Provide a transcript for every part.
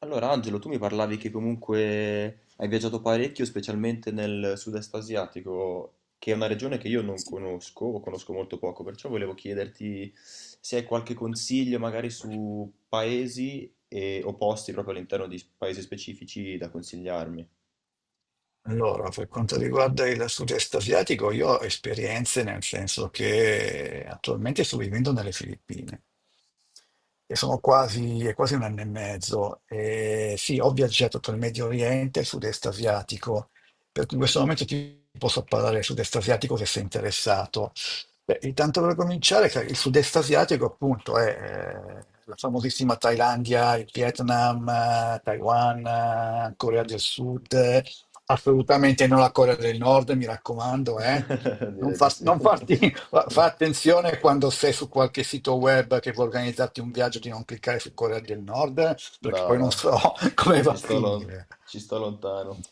Allora, Angelo, tu mi parlavi che comunque hai viaggiato parecchio, specialmente nel sud-est asiatico, che è una regione che io non conosco o conosco molto poco, perciò volevo chiederti se hai qualche consiglio magari su paesi o posti proprio all'interno di paesi specifici da consigliarmi. Allora, per quanto riguarda il sud-est asiatico, io ho esperienze nel senso che attualmente sto vivendo nelle Filippine e sono quasi, è quasi un anno e mezzo. E sì, ho viaggiato tra il Medio Oriente e il sud-est asiatico, per cui in questo momento ti posso parlare del sud-est asiatico se sei interessato. Beh, intanto per cominciare, che il sud-est asiatico appunto è la famosissima Thailandia, il Vietnam, Taiwan, Corea del Sud. Assolutamente non la Corea del Nord, mi raccomando, eh. Non, Direi di sì. non farti, fa attenzione quando sei su qualche sito web che vuoi organizzarti un viaggio di non cliccare su Corea del Nord, perché No, poi non no, so come ci va a sto, lon- finire. ci sto lontano.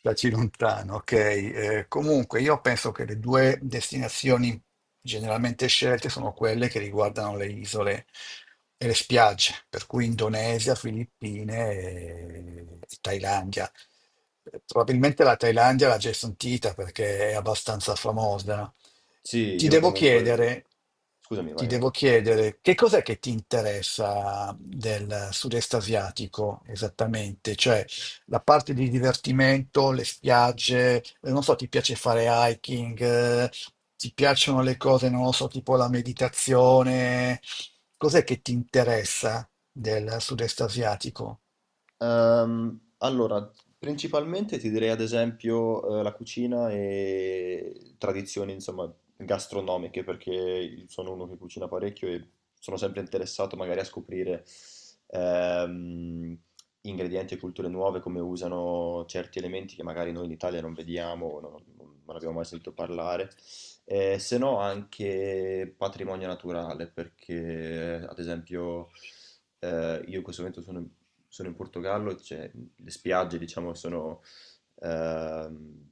Staci lontano, ok. Comunque io penso che le due destinazioni generalmente scelte sono quelle che riguardano le isole e le spiagge, per cui Indonesia, Filippine e Thailandia. Probabilmente la Thailandia l'ha già sentita perché è abbastanza famosa, no? Sì, Ti io devo comunque... chiedere, Scusami, ti vai, vai. devo chiedere che cos'è che ti interessa del sud-est asiatico esattamente? Cioè, la parte di divertimento, le spiagge, non so, ti piace fare hiking, ti piacciono le cose, non lo so, tipo la meditazione. Cos'è che ti interessa del sud-est asiatico? Allora, principalmente ti direi ad esempio la cucina e tradizioni, insomma, gastronomiche, perché io sono uno che cucina parecchio e sono sempre interessato magari a scoprire ehm, ingredienti e culture nuove, come usano certi elementi che magari noi in Italia non vediamo, o non, non abbiamo mai sentito parlare. Se no anche patrimonio naturale, perché ad esempio io in questo momento sono in Portogallo, le spiagge diciamo sono ehm,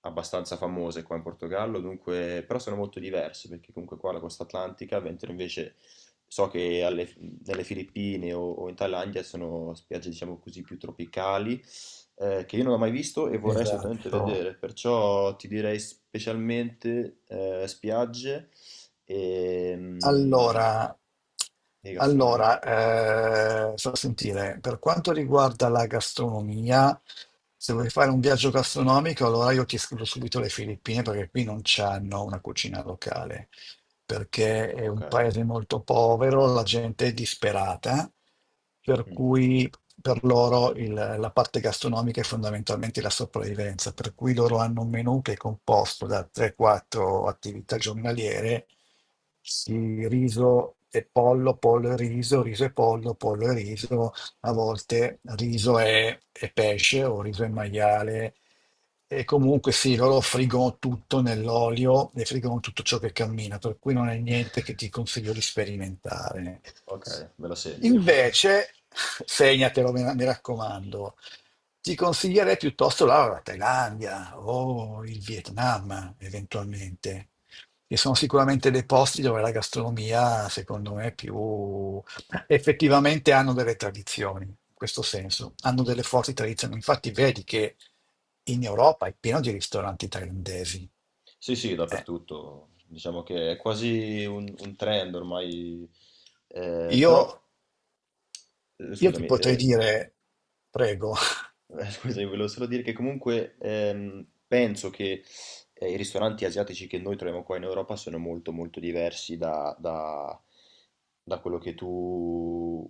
abbastanza famose qua in Portogallo, dunque, però sono molto diverse perché comunque qua la costa atlantica, mentre invece so che nelle Filippine o in Thailandia sono spiagge diciamo così più tropicali che io non ho mai visto e vorrei assolutamente Esatto. vedere, perciò ti direi specialmente spiagge e, mm, Allora, e gastronomia. allora, sto a sentire, per quanto riguarda la gastronomia, se vuoi fare un viaggio gastronomico, allora io ti escludo subito le Filippine perché qui non c'hanno una cucina locale, perché è Ok. un paese molto povero, la gente è disperata, per Mh. cui per loro la parte gastronomica è fondamentalmente la sopravvivenza, per cui loro hanno un menù che è composto da 3-4 attività giornaliere, sì, riso e pollo, pollo e riso, riso e pollo, pollo e riso, a volte riso e pesce o riso e maiale. E comunque sì, loro friggono tutto nell'olio e friggono tutto ciò che cammina, per cui non è niente che ti consiglio di sperimentare. Okay, me la segno. Invece, segnatelo, mi raccomando, ti consiglierei piuttosto la Thailandia o il Vietnam, eventualmente, che sono sicuramente dei posti dove la gastronomia, secondo me, è più effettivamente hanno delle tradizioni, in questo senso, hanno delle forti tradizioni. Infatti, vedi che in Europa è pieno di ristoranti thailandesi. Sì, sì, Eh, dappertutto. Diciamo che è quasi un trend ormai, Io, però, io ti scusami, potrei dire, prego. Scusami, volevo solo dire che comunque penso che i ristoranti asiatici che noi troviamo qua in Europa sono molto molto diversi da quello che tu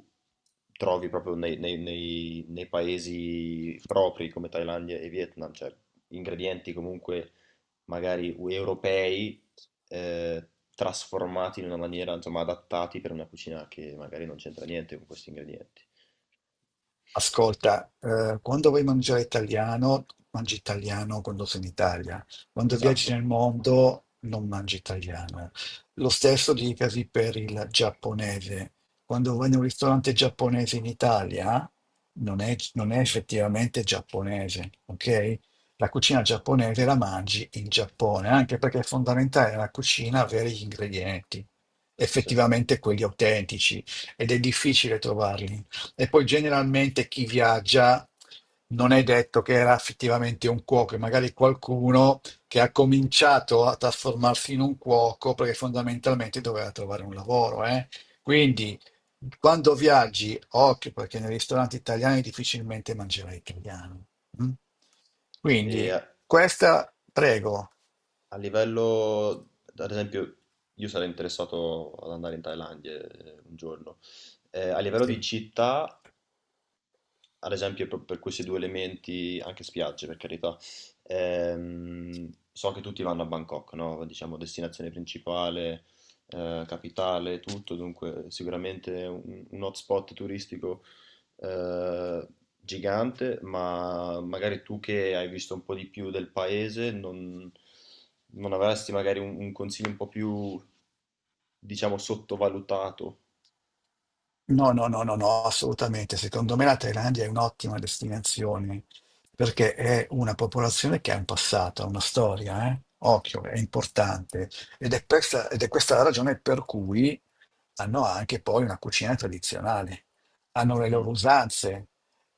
trovi proprio nei paesi propri come Thailandia e Vietnam, cioè ingredienti comunque magari europei eh, trasformati in una maniera, insomma, adattati per una cucina che magari non c'entra niente con questi ingredienti. Ascolta, quando vuoi mangiare italiano, mangi italiano quando sei in Italia. Quando viaggi Esatto, nel mondo, non mangi italiano. Lo stesso dicasi per il giapponese. Quando vai in un ristorante giapponese in Italia, non è effettivamente giapponese, ok? La cucina giapponese la mangi in Giappone, anche perché è fondamentale nella cucina avere gli ingredienti, sì. effettivamente quelli autentici, ed è difficile trovarli e poi generalmente chi viaggia non è detto che era effettivamente un cuoco, è magari qualcuno che ha cominciato a trasformarsi in un cuoco perché fondamentalmente doveva trovare un lavoro, eh. Quindi quando viaggi, occhio perché nei ristoranti italiani difficilmente mangerai italiano. Mm? E, Quindi eh, questa, prego. A livello, ad esempio, io sarei interessato ad andare in Thailandia un giorno. A livello di Sì. città, ad esempio proprio per questi due elementi, anche spiagge per carità, so che tutti vanno a Bangkok, no? Diciamo destinazione principale, capitale, tutto, dunque sicuramente un hotspot turistico eh, gigante, ma magari tu che hai visto un po' di più del paese non avresti magari un consiglio un po' più, diciamo, sottovalutato. No, no, no, no, no, assolutamente. Secondo me la Thailandia è un'ottima destinazione perché è una popolazione che ha un passato, ha una storia, eh. Occhio, è importante. Ed è questa la ragione per cui hanno anche poi una cucina tradizionale, hanno le Mm, loro usanze,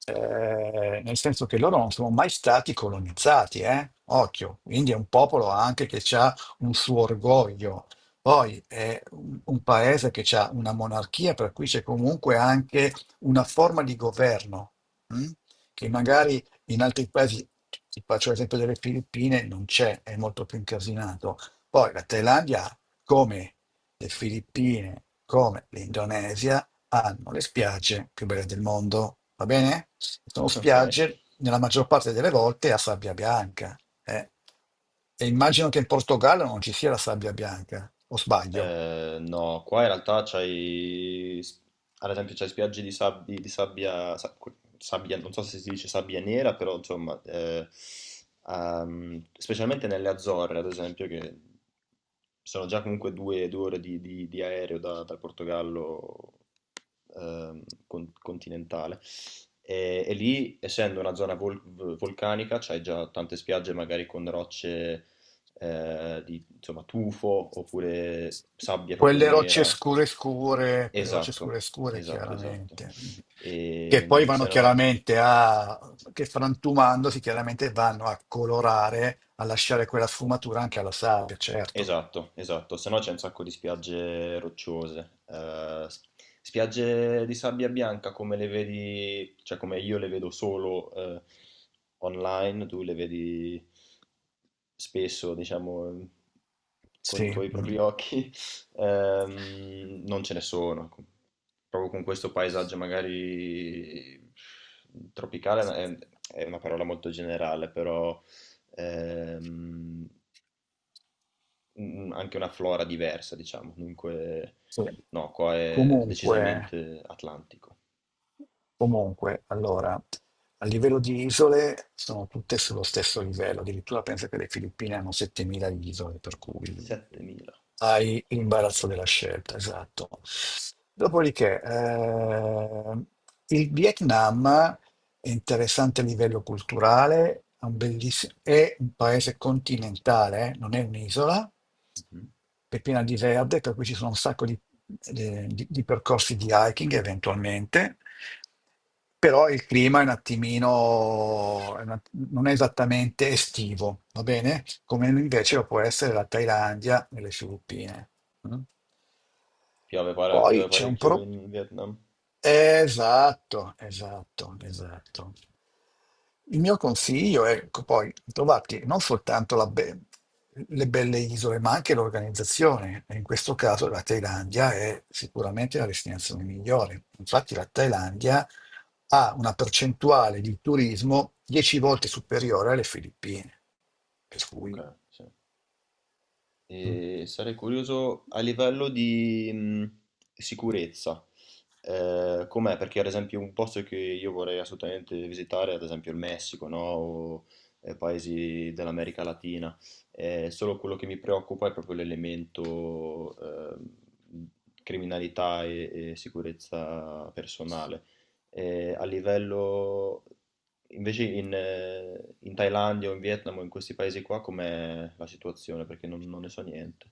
nel senso che loro non sono mai stati colonizzati, eh? Occhio, quindi è un popolo anche che ha un suo orgoglio. Poi è un paese che ha una monarchia, per cui c'è comunque anche una forma di governo, mm? Che magari in altri paesi, ti faccio l'esempio delle Filippine, non c'è, è molto più incasinato. Poi la Thailandia, come? Le Filippine, come l'Indonesia, hanno le spiagge più belle del mondo, va bene? Sono ok. spiagge, nella maggior parte delle volte, a sabbia bianca, eh. E immagino che in Portogallo non ci sia la sabbia bianca, o sbaglio? No, qua in realtà ad esempio, c'hai di sabbia, non so se si dice sabbia nera, però insomma, specialmente nelle Azzorre, ad esempio, che sono già comunque due ore di aereo dal Portogallo continentale. E lì, essendo una zona vulcanica, c'hai già tante spiagge magari con rocce di insomma, tufo oppure sabbia proprio Quelle rocce nera. scure scure, quelle rocce Esatto, scure scure, esatto, esatto. chiaramente, che poi E, vanno se no, chiaramente a, che frantumandosi chiaramente vanno a colorare, a lasciare quella sfumatura anche alla sabbia, certo. esatto, esatto. Se no c'è un sacco di spiagge rocciose. Spiagge di sabbia bianca come le vedi, cioè come io le vedo solo online, tu le vedi spesso, diciamo, con i Sì, tuoi mm, propri occhi. Non ce ne sono, proprio con questo paesaggio magari tropicale è una parola molto generale, però ehm, anche una flora diversa, diciamo. Dunque, sì. no, qua è Comunque, decisamente atlantico. comunque, allora, a livello di isole sono tutte sullo stesso livello, addirittura penso che le Filippine hanno 7000 isole, per cui 7.000. hai l'imbarazzo della scelta, esatto. Dopodiché, il Vietnam è interessante a livello culturale, è un paese continentale, non è un'isola, Mhm. è piena di verde, per cui ci sono un sacco di, di percorsi di hiking eventualmente, però il clima è un attimino, è un att- non è esattamente estivo, va bene? Come Ok. invece lo può essere la Thailandia e le Filippine. Mm. Piove, Poi piove c'è un parecchio pro... in Vietnam? Esatto, esatto, esatto. Il mio consiglio è ecco, poi trovarti non soltanto le belle isole, ma anche l'organizzazione. E in questo caso la Thailandia è sicuramente la destinazione migliore. Infatti la Thailandia ha una percentuale di turismo 10 volte superiore alle Filippine, per Ok, cui sì. mm, E sarei curioso a livello di sicurezza, com'è? Perché ad esempio un posto che io vorrei assolutamente visitare, ad esempio il Messico, no? O paesi dell'America Latina, eh, solo quello che mi preoccupa è proprio l'elemento criminalità e sicurezza personale a livello invece in Thailandia o in Vietnam o in questi paesi qua com'è la situazione? Perché non ne so niente.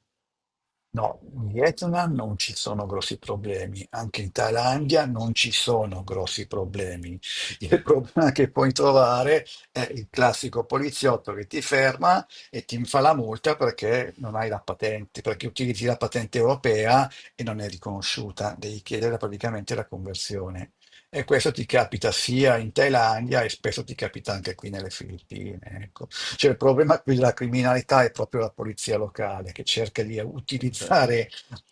no, in Vietnam non ci sono grossi problemi, anche in Thailandia non ci sono grossi problemi. Il problema che puoi trovare è il classico poliziotto che ti ferma e ti fa la multa perché non hai la patente, perché utilizzi la patente europea e non è riconosciuta, devi chiedere praticamente la conversione. E questo ti capita sia in Thailandia e spesso ti capita anche qui nelle Filippine, ecco. Cioè, il problema qui della criminalità è proprio la polizia locale che cerca di Ok, utilizzare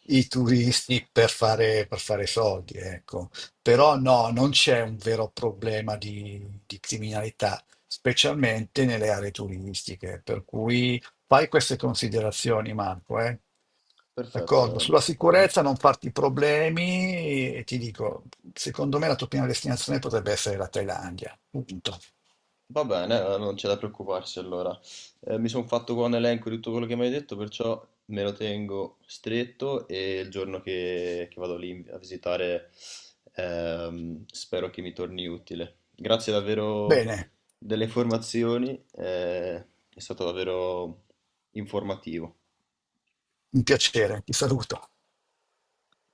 i turisti per fare soldi, ecco. Però no, non c'è un vero problema di criminalità, specialmente nelle aree turistiche. Per cui fai queste considerazioni, Marco, eh. perfetto. D'accordo, Veramente. sulla Non- sicurezza non farti problemi e ti dico, secondo me la tua prima destinazione potrebbe essere la Thailandia. Punto. Va bene, non c'è da preoccuparsi allora. Mi sono fatto qua un elenco di tutto quello che mi hai detto, perciò me lo tengo stretto e il giorno che vado lì a visitare spero che mi torni utile. Grazie davvero Bene, delle informazioni, è stato davvero informativo. un piacere, ti saluto.